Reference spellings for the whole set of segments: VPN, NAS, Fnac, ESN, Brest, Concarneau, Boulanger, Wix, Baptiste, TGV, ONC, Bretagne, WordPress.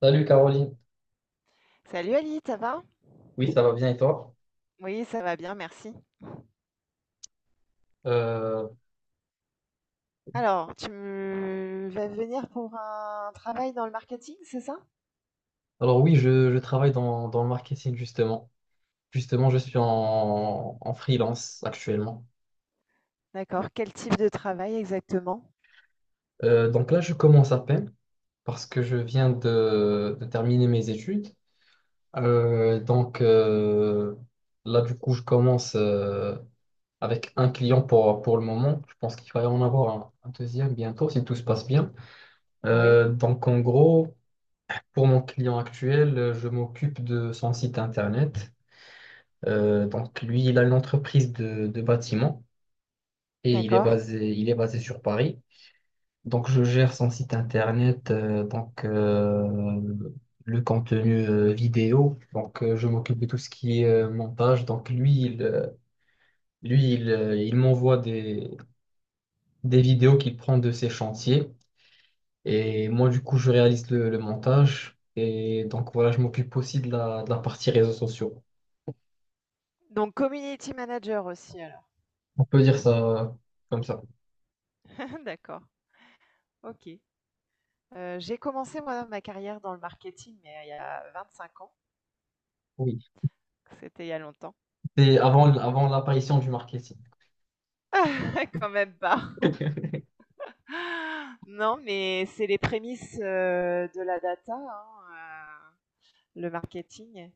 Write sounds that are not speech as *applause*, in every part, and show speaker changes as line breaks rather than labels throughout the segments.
Salut Caroline,
Salut Ali, ça va?
oui ça va bien et toi?
Oui, ça va bien, merci.
Euh,
Alors, tu vas venir pour un travail dans le marketing, c'est ça?
alors oui, je travaille dans le marketing justement. Justement, je suis en freelance actuellement.
D'accord. Quel type de travail exactement?
Donc là, je commence à peine parce que je viens de terminer mes études. Euh, donc euh, Là, du coup, je commence avec un client pour le moment. Je pense qu'il va y en avoir un deuxième bientôt si tout se passe bien.
Oui,
Donc en gros, pour mon client actuel, je m'occupe de son site internet. Donc lui, il a une entreprise de bâtiment et
d'accord.
il est basé sur Paris. Donc je gère son site internet, le contenu vidéo. Je m'occupe de tout ce qui est montage. Donc il m'envoie des vidéos qu'il prend de ses chantiers et moi du coup je réalise le montage. Et donc voilà, je m'occupe aussi de de la partie réseaux sociaux.
Donc, community manager aussi, alors.
On peut dire ça comme ça.
*laughs* D'accord, ok. J'ai commencé, moi, ma carrière dans le marketing, mais il y a 25 ans.
Oui.
C'était il y a longtemps.
C'est avant l'apparition du marketing.
*laughs* Quand même pas. *gasps* *laughs* Non, mais c'est les prémices de la data, hein, euh, le marketing.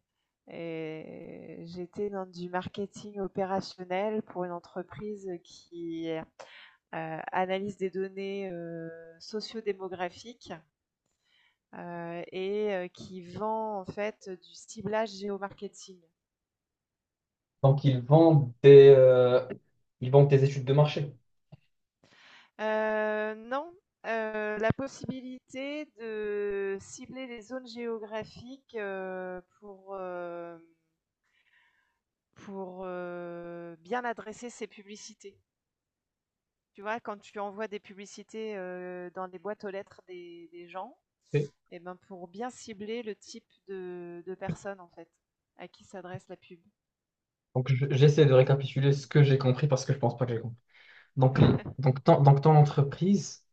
Et j'étais dans du marketing opérationnel pour une entreprise qui analyse des données sociodémographiques et qui vend en fait du ciblage géomarketing.
Donc, ils vendent ils vendent des études de marché.
Non, la possibilité de cibler les zones géographiques pour bien adresser ses publicités. Tu vois, quand tu envoies des publicités, dans les boîtes aux lettres des gens
Ok.
et ben, pour bien cibler le type de personne, en fait, à qui s'adresse la pub.
Donc, j'essaie de récapituler ce que j'ai compris parce que je pense pas que j'ai compris. Donc, l-
*laughs*
donc, ton, donc ton entreprise,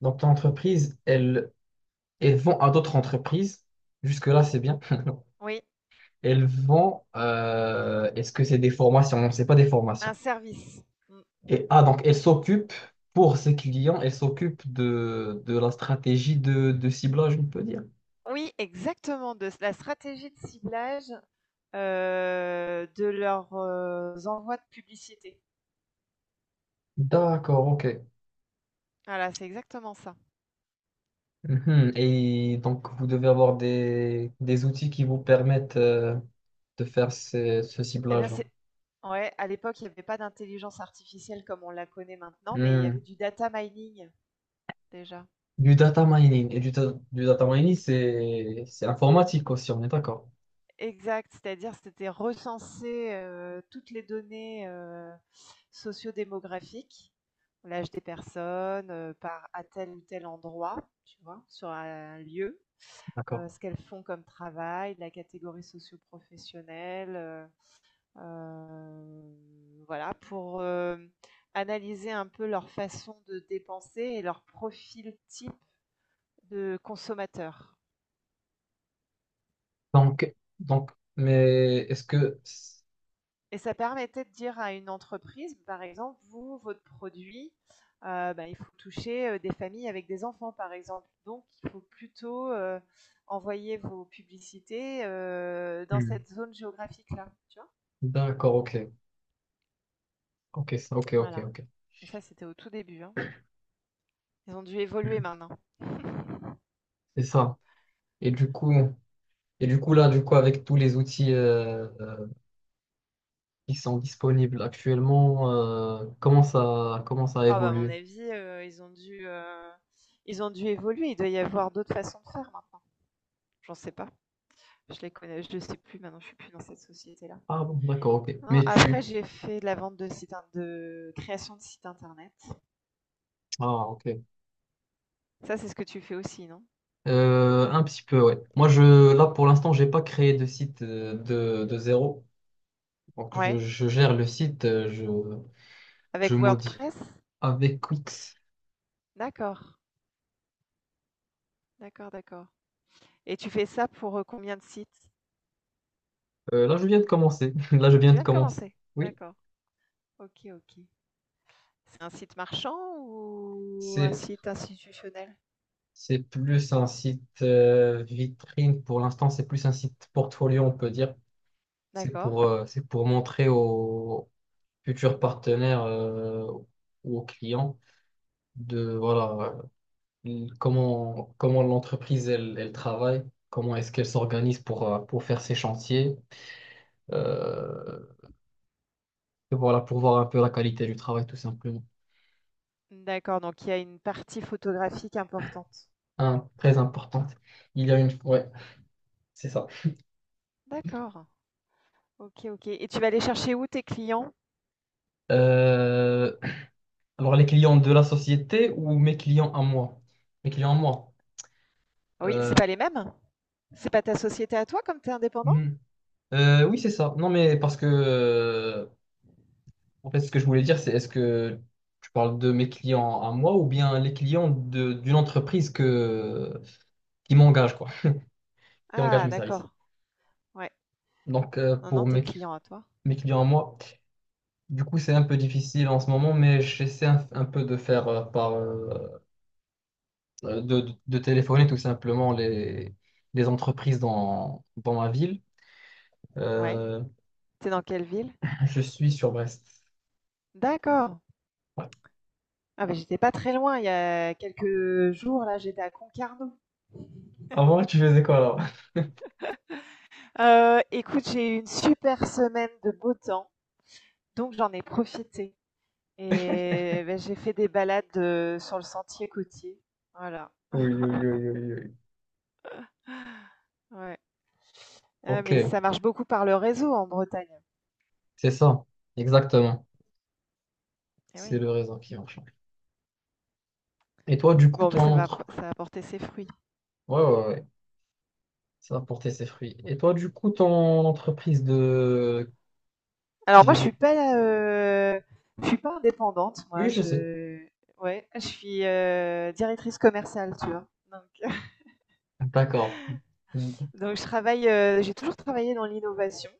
donc ton entreprise, elle, elle vend à d'autres entreprises. Jusque-là, c'est bien. *laughs*
Oui,
Elles vont, est-ce que c'est des formations? Non, c'est pas des formations.
un service. Mmh.
Et ah, donc elles s'occupent, pour ses clients, elles s'occupent de la stratégie de ciblage, on peut dire.
Oui, exactement, de la stratégie de ciblage, de leurs, envois de publicité.
D'accord, ok.
Voilà, c'est exactement ça.
Mhm. Et donc vous devez avoir des outils qui vous permettent de faire ce
Eh bien,
ciblage-là.
c'est ouais, à l'époque, il n'y avait pas d'intelligence artificielle comme on la connaît maintenant, mais il y
Hmm.
avait du data mining, déjà.
Du data mining. Et du data mining, c'est informatique aussi, on est d'accord.
Exact, c'est-à-dire c'était recenser, toutes les données, sociodémographiques, l'âge des personnes, par à tel ou tel endroit, tu vois? Sur un lieu,
D'accord.
ce qu'elles font comme travail, la catégorie socio-professionnelle, voilà pour, analyser un peu leur façon de dépenser et leur profil type de consommateur.
Donc, donc, mais est-ce que...
Et ça permettait de dire à une entreprise, par exemple, vous, votre produit, bah, il faut toucher, des familles avec des enfants, par exemple. Donc il faut plutôt, envoyer vos publicités, dans
Hmm.
cette zone géographique-là, tu vois?
D'accord, ok. Ok, ok,
Voilà.
ok.
Donc ça, c'était au tout début, hein. Ils ont dû évoluer
Mhm.
maintenant.
C'est ça. Et du coup, et du coup là, du coup, avec tous les outils qui sont disponibles actuellement, comment ça a
Ah bah, à mon
évolué?
avis, ils ont dû évoluer. Il doit y avoir d'autres façons de faire maintenant. J'en sais pas. Je les connais Je ne sais plus maintenant, je suis plus dans cette société-là.
Ah bon, d'accord, ok.
Non,
Mais
après,
tu,
j'ai fait de création de sites internet.
ah ok.
Ça, c'est ce que tu fais aussi, non?
Un petit peu, ouais. Moi, pour l'instant, j'ai pas créé de site de zéro. Donc,
Ouais.
je gère le site, je
Avec
modifie
WordPress?
avec Wix.
D'accord. D'accord, d'accord. Et tu fais ça pour combien de sites?
Là, je viens de commencer. *laughs* Là, je viens
Tu
de
viens de
commencer.
commencer?
Oui.
D'accord. Ok, ok. C'est un site marchand ou un
C'est
site institutionnel?
C'est plus un site vitrine pour l'instant, c'est plus un site portfolio, on peut dire. C'est
D'accord.
c'est pour montrer aux futurs partenaires ou aux clients de voilà comment l'entreprise elle, elle travaille, comment est-ce qu'elle s'organise pour faire ses chantiers, euh, et voilà, pour voir un peu la qualité du travail tout simplement.
D'accord. Donc, il y a une partie photographique importante.
Un, très importante. Il y a une. Ouais, c'est ça.
D'accord. Ok, ok. Et tu vas aller chercher où tes clients?
Euh, Alors, les clients de la société ou mes clients à moi? Mes clients à moi.
Oui,
Euh,
c'est pas les mêmes? C'est pas ta société à toi comme tu es indépendant?
hmm. Oui, c'est ça. Non, mais parce que, en fait, ce que je voulais dire, c'est est-ce que tu parles de mes clients à moi ou bien les clients d'une entreprise que, qui m'engage, quoi, qui engage
Ah
mes services.
d'accord, ouais.
Donc, euh,
Non, non,
pour
tes
mes,
clients à toi.
mes clients à moi, du coup, c'est un peu difficile en ce moment, mais j'essaie un peu de faire de téléphoner tout simplement les entreprises dans ma ville.
Ouais.
Euh,
T'es dans quelle ville?
je suis sur Brest.
D'accord.
Ouais.
Ah bah, j'étais pas très loin, il y a quelques jours, là, j'étais à Concarneau.
Avant, tu faisais quoi là?
Écoute, j'ai eu une super semaine de beau temps, donc j'en ai profité et bah, j'ai fait des balades, sur le sentier côtier. Voilà,
Oui, oui, oui, oui, oui.
ouais. Ah
Ok,
mais ça marche beaucoup par le réseau en Bretagne.
c'est ça. Exactement.
Eh
C'est
oui.
le raisin qui en change. Et toi, du coup,
Bon,
ton
mais ça va,
entreprise.
ça a porté ses fruits.
Ouais, ouais, ouais. Ça va porter ses fruits. Et toi, du coup, ton entreprise de
Alors moi, je suis
TGV.
pas, heu, je suis pas indépendante
Oui,
moi,
je sais.
je ouais, je suis, directrice commerciale, tu vois? Donc
D'accord. Mm.
Donc je travaille, j'ai toujours travaillé dans l'innovation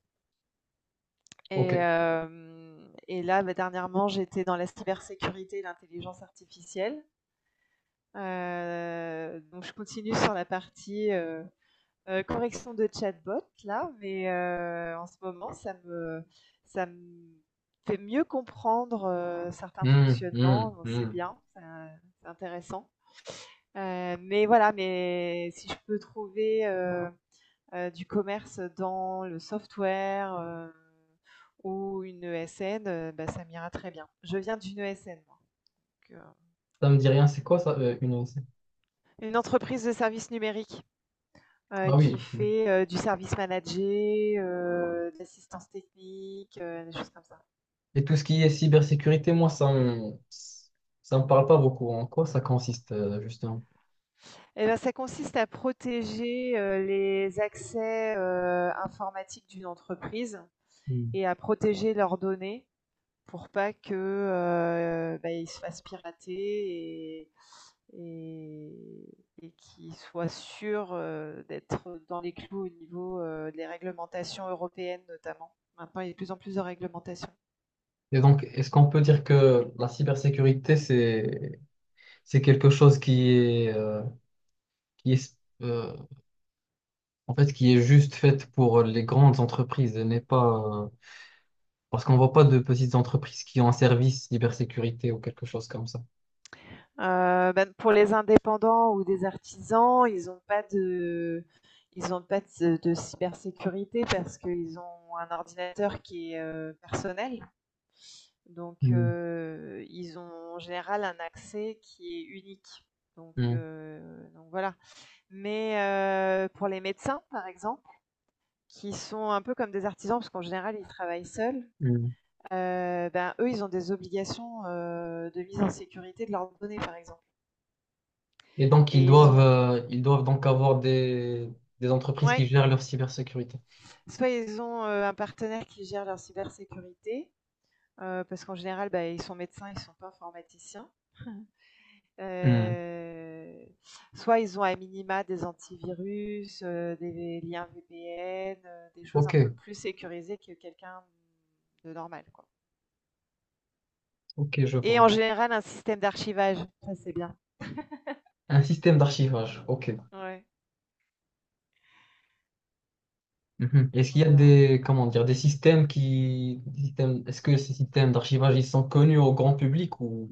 Ok.
et hem et là, bah, dernièrement, j'étais dans la cybersécurité et l'intelligence artificielle. Donc je continue sur la partie, correction de chatbot là, mais en ce moment, ça me fait mieux comprendre, certains
Hmm, hmm,
fonctionnements, donc c'est
hmm.
bien, ça c'est intéressant. Mais voilà, mais si je peux trouver, du commerce dans le software ou une ESN, bah, ça m'ira très bien. Je viens d'une ESN, moi, donc,
Ça me dit rien, c'est quoi ça, une ONC?
une entreprise de services numériques
Ah
qui
oui. Hmm.
fait du service manager, de l'assistance technique, des choses comme ça.
Et tout ce qui est cybersécurité, moi, ça me parle pas beaucoup. En quoi ça consiste, justement?
Et ben, ça consiste à protéger les accès informatiques d'une entreprise et à protéger leurs données pour pas que bah, ils se fassent pirater et, et qui soit sûr d'être dans les clous au niveau des réglementations européennes notamment. Maintenant, il y a de plus en plus de réglementations.
Et donc, est-ce qu'on peut dire que la cybersécurité, c'est quelque chose qui est, euh, en fait, qui est juste faite pour les grandes entreprises et n'est pas, parce qu'on voit pas de petites entreprises qui ont un service cybersécurité ou quelque chose comme ça.
Ben, pour les indépendants ou des artisans, ils n'ont pas de, ils n'ont pas de, de cybersécurité parce qu'ils ont un ordinateur qui est personnel. Donc,
Hmm.
ils ont en général un accès qui est unique. Donc,
Mm,
euh, donc voilà. Mais pour les médecins, par exemple, qui sont un peu comme des artisans, parce qu'en général, ils travaillent seuls.
mm.
Ben, eux, ils ont des obligations, de mise en sécurité de leurs données, par exemple,
Et donc,
et ils ont,
ils doivent donc avoir des entreprises qui
ouais,
gèrent leur cybersécurité.
soit ils ont, un partenaire qui gère leur cybersécurité, parce qu'en général, ben ils sont médecins, ils ne sont pas informaticiens.
Mm.
Heu, Soit ils ont à minima des antivirus, des liens VPN, des choses un peu
Ok,
plus sécurisées que quelqu'un de normal, quoi,
ok, je vois.
et en
Ok.
général, un système d'archivage, ça, c'est bien.
Un système d'archivage. Ok.
Ouais.
Mhm. Est-ce qu'il y a
Voilà.
des, comment dire, des systèmes qui, des systèmes- est-ce que ces systèmes d'archivage, ils sont connus au grand public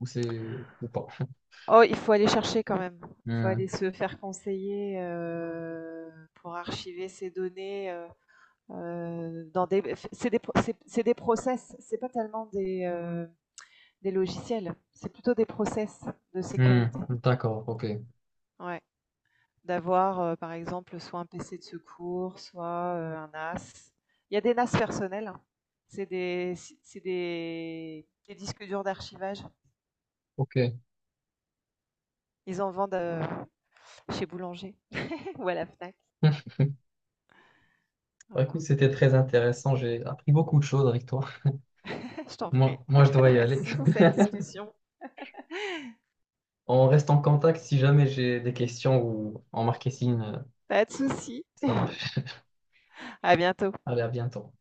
ou c'est, ou pas?
Oh, il faut aller chercher quand même. Il faut
Hmm.
aller se faire conseiller pour archiver ces données dans des. C'est des process. C'est pas tellement des logiciels. C'est plutôt des process de
Hmm.
sécurité.
D'accord, ok,
Ouais. D'avoir, par exemple, soit un PC de secours, soit un NAS. Il y a des NAS personnels, hein. Si, c'est des disques durs d'archivage.
ok.
Ils en vendent chez Boulanger *laughs* ou à la Fnac.
*laughs* Bah, écoute,
Voilà.
c'était très intéressant. J'ai appris beaucoup de choses avec toi.
Je t'en
Moi,
prie.
moi, je dois
*laughs*
y aller.
Merci pour
*laughs*
cette discussion.
On reste en contact si jamais j'ai des questions ou en marketing,
Pas de souci.
ça marche.
À bientôt.
Allez, à bientôt.